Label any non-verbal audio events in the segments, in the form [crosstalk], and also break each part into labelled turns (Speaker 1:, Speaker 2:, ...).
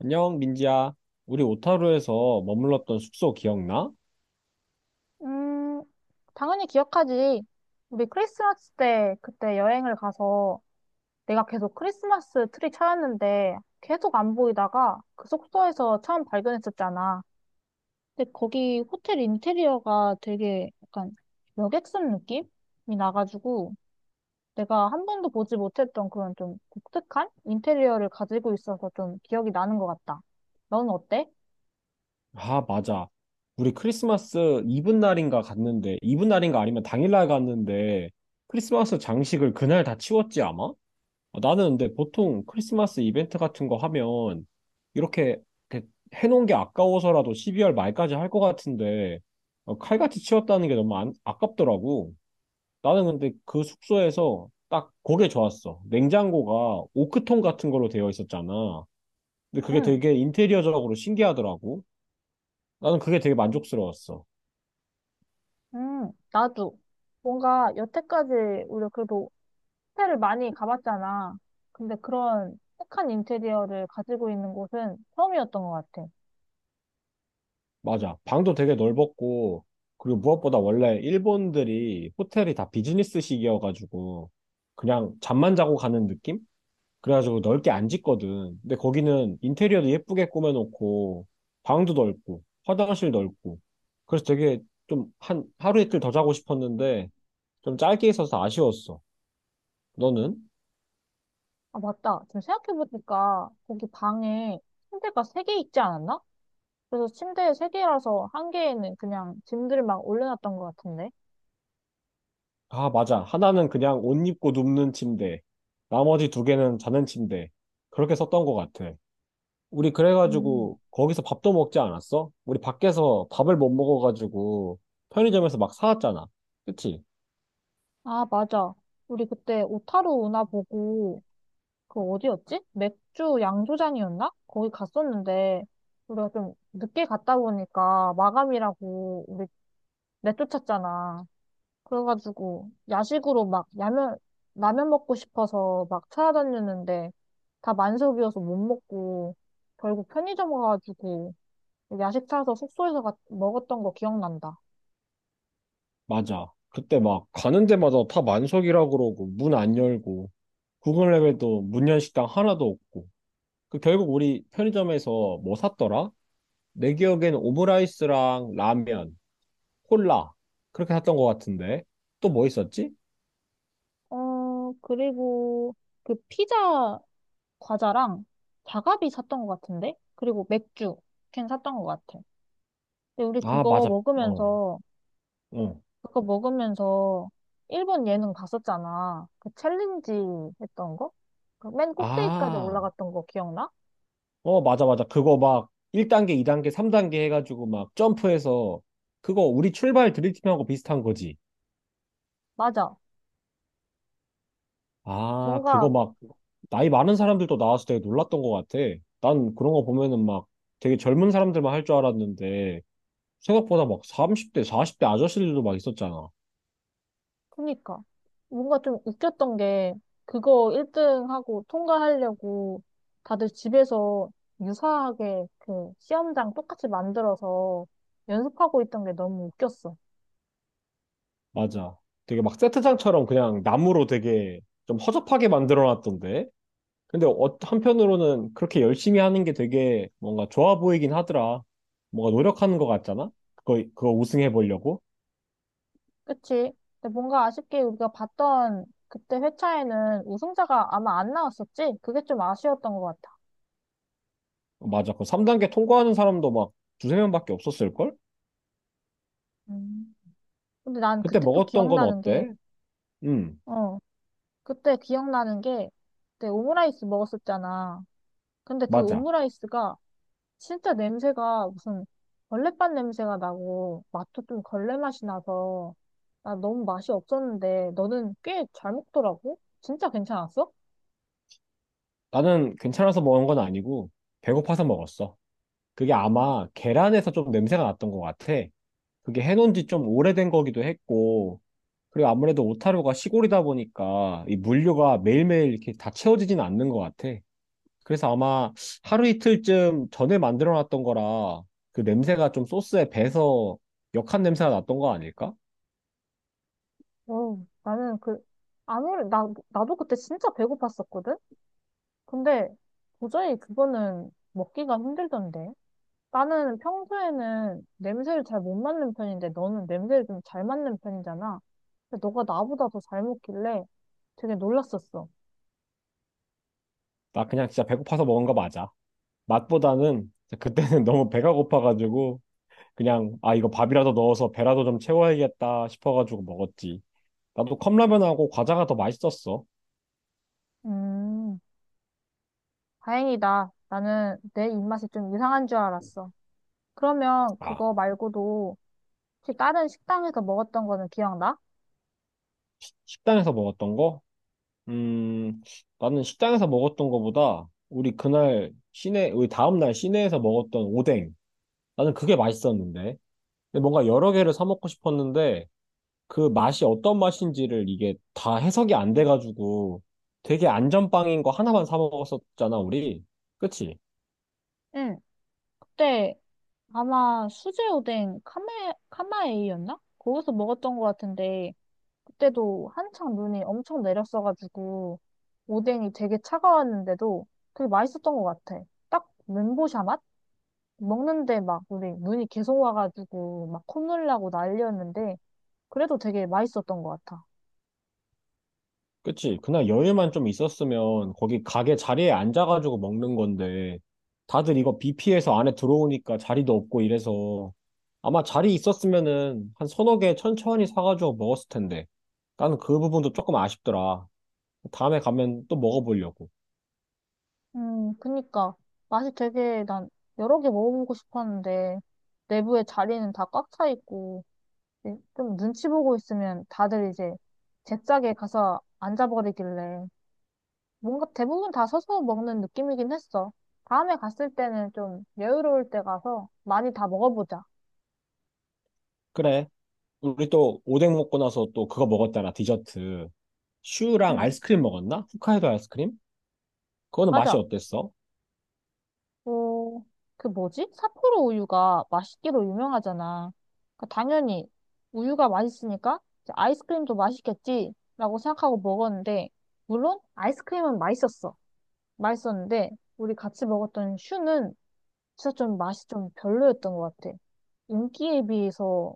Speaker 1: 안녕, 민지야. 우리 오타루에서 머물렀던 숙소 기억나?
Speaker 2: 음, 당연히 기억하지. 우리 크리스마스 때 그때 여행을 가서 내가 계속 크리스마스 트리 찾았는데 계속 안 보이다가 그 숙소에서 처음 발견했었잖아. 근데 거기 호텔 인테리어가 되게 약간 여객선 느낌이 나가지고 내가 한 번도 보지 못했던 그런 좀 독특한 인테리어를 가지고 있어서 좀 기억이 나는 것 같다. 넌 어때?
Speaker 1: 아, 맞아. 우리 크리스마스 이브 날인가 갔는데, 이브 날인가 아니면 당일날 갔는데, 크리스마스 장식을 그날 다 치웠지, 아마? 어, 나는 근데 보통 크리스마스 이벤트 같은 거 하면, 이렇게, 이렇게 해놓은 게 아까워서라도 12월 말까지 할 것 같은데, 어, 칼같이 치웠다는 게 너무 아깝더라고. 나는 근데 그 숙소에서 딱 그게 좋았어. 냉장고가 오크통 같은 걸로 되어 있었잖아. 근데 그게
Speaker 2: 응,
Speaker 1: 되게 인테리어적으로 신기하더라고. 나는 그게 되게 만족스러웠어.
Speaker 2: 응, 나도. 뭔가 여태까지 우리 그래도 호텔을 많이 가봤잖아. 근데 그런 착한 인테리어를 가지고 있는 곳은 처음이었던 것 같아.
Speaker 1: 맞아. 방도 되게 넓었고, 그리고 무엇보다 원래 일본들이 호텔이 다 비즈니스식이어가지고, 그냥 잠만 자고 가는 느낌? 그래가지고 넓게 안 짓거든. 근데 거기는 인테리어도 예쁘게 꾸며놓고, 방도 넓고, 화장실 넓고, 그래서 되게 좀 한 하루 이틀 더 자고 싶었는데, 좀 짧게 있어서 아쉬웠어. 너는?
Speaker 2: 아, 맞다. 지금 생각해보니까 거기 방에 침대가 3개 있지 않았나? 그래서 침대 세개라서한 개에는 그냥 짐들 막 올려놨던 것 같은데.
Speaker 1: 아, 맞아. 하나는 그냥 옷 입고 눕는 침대. 나머지 두 개는 자는 침대. 그렇게 썼던 것 같아. 우리
Speaker 2: 음.
Speaker 1: 그래가지고 거기서 밥도 먹지 않았어? 우리 밖에서 밥을 못 먹어가지고 편의점에서 막 사왔잖아. 그치?
Speaker 2: 아, 맞아. 우리 그때 오타루 운하 보고 그 어디였지? 맥주 양조장이었나? 거기 갔었는데 우리가 좀 늦게 갔다 보니까 마감이라고 우리 내쫓았잖아. 그래가지고 야식으로 막 라면 먹고 싶어서 막 찾아다녔는데 다 만석이어서 못 먹고 결국 편의점 가가지고 야식 사서 숙소에서 먹었던 거 기억난다.
Speaker 1: 맞아. 그때 막 가는 데마다 다 만석이라고 그러고 문 안 열고 구글 맵에도 문연 식당 하나도 없고 그 결국 우리 편의점에서 뭐 샀더라? 내 기억엔 오므라이스랑 라면, 콜라, 그렇게 샀던 것 같은데. 또 뭐 있었지?
Speaker 2: 어 그리고 그 피자 과자랑 자가비 샀던 것 같은데 그리고 맥주 캔 샀던 것 같아. 근데 우리
Speaker 1: 아
Speaker 2: 그거
Speaker 1: 맞아, 어
Speaker 2: 먹으면서
Speaker 1: 어.
Speaker 2: 그거 먹으면서 일본 예능 봤었잖아. 그 챌린지 했던 거? 그 맨 꼭대기까지
Speaker 1: 아,
Speaker 2: 올라갔던 거 기억나?
Speaker 1: 어 맞아 맞아. 그거 막 1단계 2단계 3단계 해가지고 막 점프해서, 그거 우리 출발 드림팀하고 비슷한 거지.
Speaker 2: 맞아.
Speaker 1: 아 그거
Speaker 2: 뭔가,
Speaker 1: 막 나이 많은 사람들도 나와서 되게 놀랐던 것 같아. 난 그런 거 보면은 막 되게 젊은 사람들만 할 줄 알았는데 생각보다 막 30대 40대 아저씨들도 막 있었잖아.
Speaker 2: 그니까. 뭔가 좀 웃겼던 게, 그거 1등하고 통과하려고 다들 집에서 유사하게 그 시험장 똑같이 만들어서 연습하고 있던 게 너무 웃겼어.
Speaker 1: 맞아, 되게 막 세트장처럼 그냥 나무로 되게 좀 허접하게 만들어 놨던데. 근데 한편으로는 그렇게 열심히 하는 게 되게 뭔가 좋아 보이긴 하더라. 뭔가 노력하는 것 같잖아? 그거 우승해 보려고?
Speaker 2: 그치? 근데 뭔가 아쉽게 우리가 봤던 그때 회차에는 우승자가 아마 안 나왔었지? 그게 좀 아쉬웠던 것 같아.
Speaker 1: 맞아. 그 3단계 통과하는 사람도 막 두세 명밖에 없었을걸?
Speaker 2: 음. 근데 난
Speaker 1: 그때
Speaker 2: 그때 또
Speaker 1: 먹었던 건
Speaker 2: 기억나는 게,
Speaker 1: 어때? 음,
Speaker 2: 어, 그때 기억나는 게, 그때 오므라이스 먹었었잖아. 근데 그
Speaker 1: 맞아.
Speaker 2: 오므라이스가 진짜 냄새가 무슨 걸레밥 냄새가 나고, 맛도 좀 걸레 맛이 나서, 나 너무 맛이 없었는데, 너는 꽤 잘 먹더라고? 진짜 괜찮았어?
Speaker 1: 나는 괜찮아서 먹은 건 아니고, 배고파서 먹었어. 그게 아마 계란에서 좀 냄새가 났던 것 같아. 그게 해놓은 지 좀 오래된 거기도 했고, 그리고 아무래도 오타루가 시골이다 보니까 이 물류가 매일매일 이렇게 다 채워지진 않는 것 같아. 그래서 아마 하루 이틀쯤 전에 만들어 놨던 거라 그 냄새가 좀 소스에 배서 역한 냄새가 났던 거 아닐까?
Speaker 2: 어, 나는 그, 아무리, 나도 그때 진짜 배고팠었거든? 근데 도저히 그거는 먹기가 힘들던데. 나는 평소에는 냄새를 잘 못 맡는 편인데 너는 냄새를 좀 잘 맡는 편이잖아. 근데 너가 나보다 더 잘 먹길래 되게 놀랐었어.
Speaker 1: 나 그냥 진짜 배고파서 먹은 거 맞아. 맛보다는 그때는 [laughs] 너무 배가 고파가지고 그냥 아 이거 밥이라도 넣어서 배라도 좀 채워야겠다 싶어가지고 먹었지. 나도 컵라면하고 과자가 더 맛있었어.
Speaker 2: 음, 다행이다. 나는 내 입맛이 좀 이상한 줄 알았어. 그러면
Speaker 1: 아,
Speaker 2: 그거 말고도 혹시 다른 식당에서 먹었던 거는 기억나?
Speaker 1: 식당에서 먹었던 거? 음, 나는 식당에서 먹었던 거보다 우리 그날 시내, 우리 다음 날 시내에서 먹었던 오뎅, 나는 그게 맛있었는데 근데 뭔가 여러 개를 사 먹고 싶었는데 그 맛이 어떤 맛인지를 이게 다 해석이 안 돼가지고 되게 안전빵인 거 하나만 사 먹었었잖아, 우리. 그치?
Speaker 2: 응, 그때 아마 수제 오뎅 카마에이였나? 거기서 먹었던 것 같은데 그때도 한창 눈이 엄청 내렸어가지고 오뎅이 되게 차가웠는데도 그게 맛있었던 것 같아. 딱 멘보샤 맛? 먹는데 막 우리 눈이 계속 와가지고 막 콧물 나고 난리였는데 그래도 되게 맛있었던 것 같아.
Speaker 1: 그치. 그날 여유만 좀 있었으면 거기 가게 자리에 앉아가지고 먹는 건데 다들 이거 비 피해서 안에 들어오니까 자리도 없고 이래서 아마 자리 있었으면은 한 서너 개 천천히 사가지고 먹었을 텐데. 나는 그 부분도 조금 아쉽더라. 다음에 가면 또 먹어보려고.
Speaker 2: 그니까 맛이 되게 난 여러 개 먹어보고 싶었는데 내부에 자리는 다 꽉 차 있고 이제 좀 눈치 보고 있으면 다들 이제 제 짝에 가서 앉아버리길래 뭔가 대부분 다 서서 먹는 느낌이긴 했어. 다음에 갔을 때는 좀 여유로울 때 가서 많이 다 먹어보자.
Speaker 1: 그래. 우리 또 오뎅 먹고 나서 또 그거 먹었잖아. 디저트. 슈랑
Speaker 2: 응,
Speaker 1: 아이스크림 먹었나? 홋카이도 아이스크림? 그거는 맛이
Speaker 2: 맞아.
Speaker 1: 어땠어?
Speaker 2: 어, 그 뭐지? 삿포로 우유가 맛있기로 유명하잖아. 그 당연히 우유가 맛있으니까 이제 아이스크림도 맛있겠지? 라고 생각하고 먹었는데, 물론 아이스크림은 맛있었어. 맛있었는데, 우리 같이 먹었던 슈는 진짜 좀 맛이 좀 별로였던 것 같아. 인기에 비해서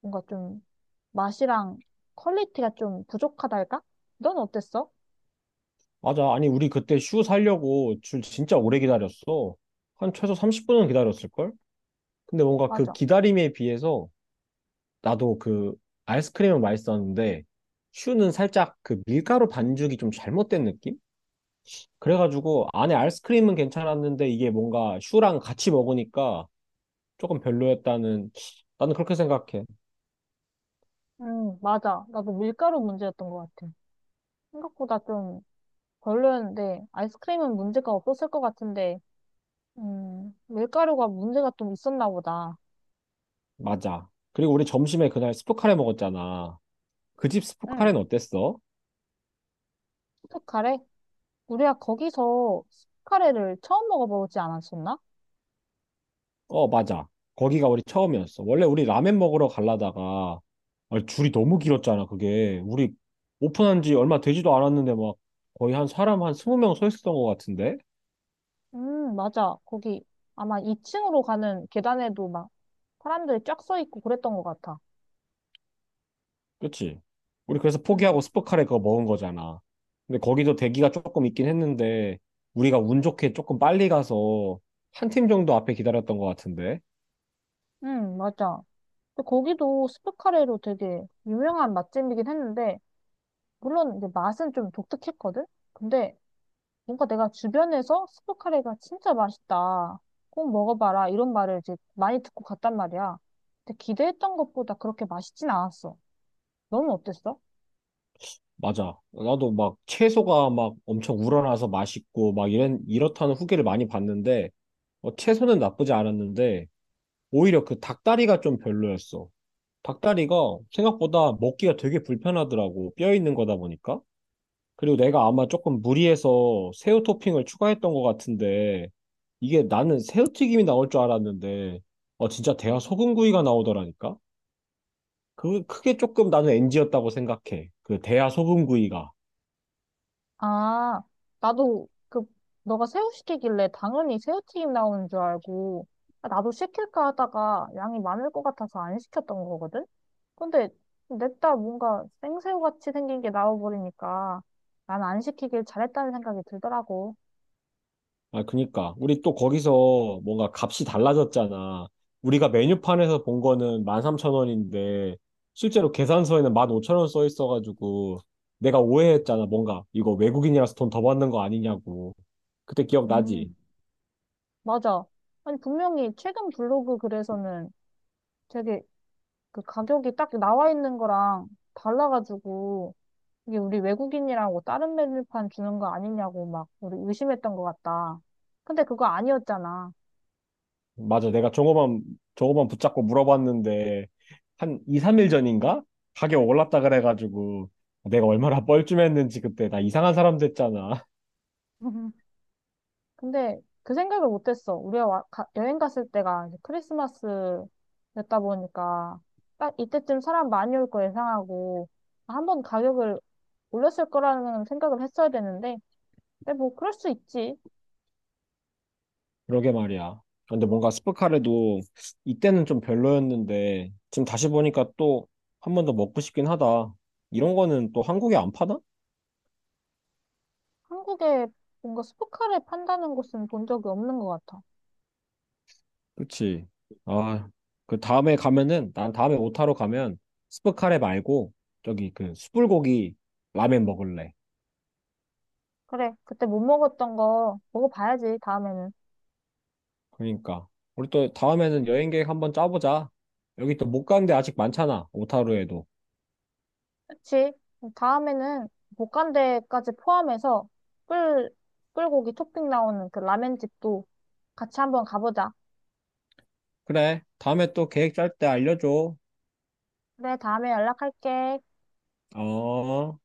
Speaker 2: 뭔가 좀 맛이랑 퀄리티가 좀 부족하달까? 넌 어땠어?
Speaker 1: 맞아. 아니, 우리 그때 슈 살려고 줄 진짜 오래 기다렸어. 한 최소 30분은 기다렸을걸? 근데 뭔가 그
Speaker 2: 맞아.
Speaker 1: 기다림에 비해서, 나도 그 아이스크림은 맛있었는데 슈는 살짝 그 밀가루 반죽이 좀 잘못된 느낌? 그래가지고 안에 아이스크림은 괜찮았는데 이게 뭔가 슈랑 같이 먹으니까 조금 별로였다는, 나는 그렇게 생각해.
Speaker 2: 맞아. 나도 밀가루 문제였던 것 같아. 생각보다 좀 별로였는데, 아이스크림은 문제가 없었을 것 같은데, 밀가루가 문제가 좀 있었나 보다.
Speaker 1: 맞아. 그리고 우리 점심에 그날 스프카레 먹었잖아. 그 집
Speaker 2: 응.
Speaker 1: 스프카레는 어땠어?
Speaker 2: 스프카레? 우리가 거기서 스프카레를 처음 먹어보지 않았었나?
Speaker 1: 어, 맞아. 거기가 우리 처음이었어. 원래 우리 라면 먹으러 가려다가 아, 줄이 너무 길었잖아, 그게. 우리 오픈한 지 얼마 되지도 않았는데 막 거의 한 사람 한 20명 서 있었던 것 같은데?
Speaker 2: 맞아. 거기 아마 2층으로 가는 계단에도 막 사람들이 쫙 서 있고 그랬던 것 같아.
Speaker 1: 그치? 우리 그래서
Speaker 2: 응,
Speaker 1: 포기하고 스포카레 그거 먹은 거잖아. 근데 거기도 대기가 조금 있긴 했는데 우리가 운 좋게 조금 빨리 가서 한 팀 정도 앞에 기다렸던 것 같은데?
Speaker 2: 응, 맞아. 근데 거기도 스프카레로 되게 유명한 맛집이긴 했는데, 물론 이제 맛은 좀 독특했거든? 근데 뭔가 내가 주변에서 스프카레가 진짜 맛있다. 꼭 먹어봐라. 이런 말을 이제 많이 듣고 갔단 말이야. 근데 기대했던 것보다 그렇게 맛있진 않았어. 너는 어땠어?
Speaker 1: 맞아. 나도 막 채소가 막 엄청 우러나서 맛있고 막 이렇다는 후기를 많이 봤는데, 어, 채소는 나쁘지 않았는데 오히려 그 닭다리가 좀 별로였어. 닭다리가 생각보다 먹기가 되게 불편하더라고. 뼈 있는 거다 보니까. 그리고 내가 아마 조금 무리해서 새우 토핑을 추가했던 것 같은데, 이게 나는 새우튀김이 나올 줄 알았는데, 어, 진짜 대하 소금구이가 나오더라니까? 그, 크게 조금 나는 NG였다고 생각해. 그 대하 소금구이가.
Speaker 2: 아, 나도 그 너가 새우 시키길래 당연히 새우튀김 나오는 줄 알고 아, 나도 시킬까 하다가 양이 많을 것 같아서 안 시켰던 거거든? 근데 냅다 뭔가 생새우 같이 생긴 게 나와버리니까 난 안 시키길 잘했다는 생각이 들더라고.
Speaker 1: 아, 그니까. 우리 또 거기서 뭔가 값이 달라졌잖아. 우리가 메뉴판에서 본 거는 13,000원인데, 실제로 계산서에는 15,000원 써 있어가지고, 내가 오해했잖아. 뭔가, 이거 외국인이라서 돈 더 받는 거 아니냐고. 그때 기억나지?
Speaker 2: 음, 맞아. 아니, 분명히 최근 블로그 글에서는 되게 그 가격이 딱 나와 있는 거랑 달라가지고 이게 우리 외국인이라고 다른 메뉴판 주는 거 아니냐고 막 우리 의심했던 것 같다. 근데 그거 아니었잖아.
Speaker 1: 맞아. 내가 종업원 붙잡고 물어봤는데, 한 2, 3일 전인가? 가격 올랐다 그래가지고, 내가 얼마나 뻘쭘했는지 그때 나 이상한 사람 됐잖아.
Speaker 2: [laughs] 근데 그 생각을 못했어. 우리가 여행 갔을 때가 이제 크리스마스였다 보니까 딱 이때쯤 사람 많이 올 거 예상하고 한 번 가격을 올렸을 거라는 생각을 했어야 되는데 근데 뭐 그럴 수 있지.
Speaker 1: 그러게 말이야. 아, 근데 뭔가 스프카레도 이때는 좀 별로였는데 지금 다시 보니까 또 한 번 더 먹고 싶긴 하다. 이런 거는 또 한국에 안 파나?
Speaker 2: 한국에 뭔가 스포카를 판다는 곳은 본 적이 없는 것 같아.
Speaker 1: 그치. 아, 그 다음에 가면은 난 다음에 오타로 가면 스프카레 말고 저기 그 숯불고기 라멘 먹을래.
Speaker 2: 그래, 그때 못 먹었던 거 먹어봐야지, 다음에는.
Speaker 1: 그러니까 우리 또 다음에는 여행 계획 한번 짜보자. 여기 또 못 간 데 아직 많잖아. 오타루에도.
Speaker 2: 그치. 다음에는 볶간대까지 포함해서 꿀, 꿀고기 토핑 나오는 그 라멘 집도 같이 한번 가보자.
Speaker 1: 그래. 다음에 또 계획 짤 때 알려줘.
Speaker 2: 그래, 다음에 연락할게.
Speaker 1: 어.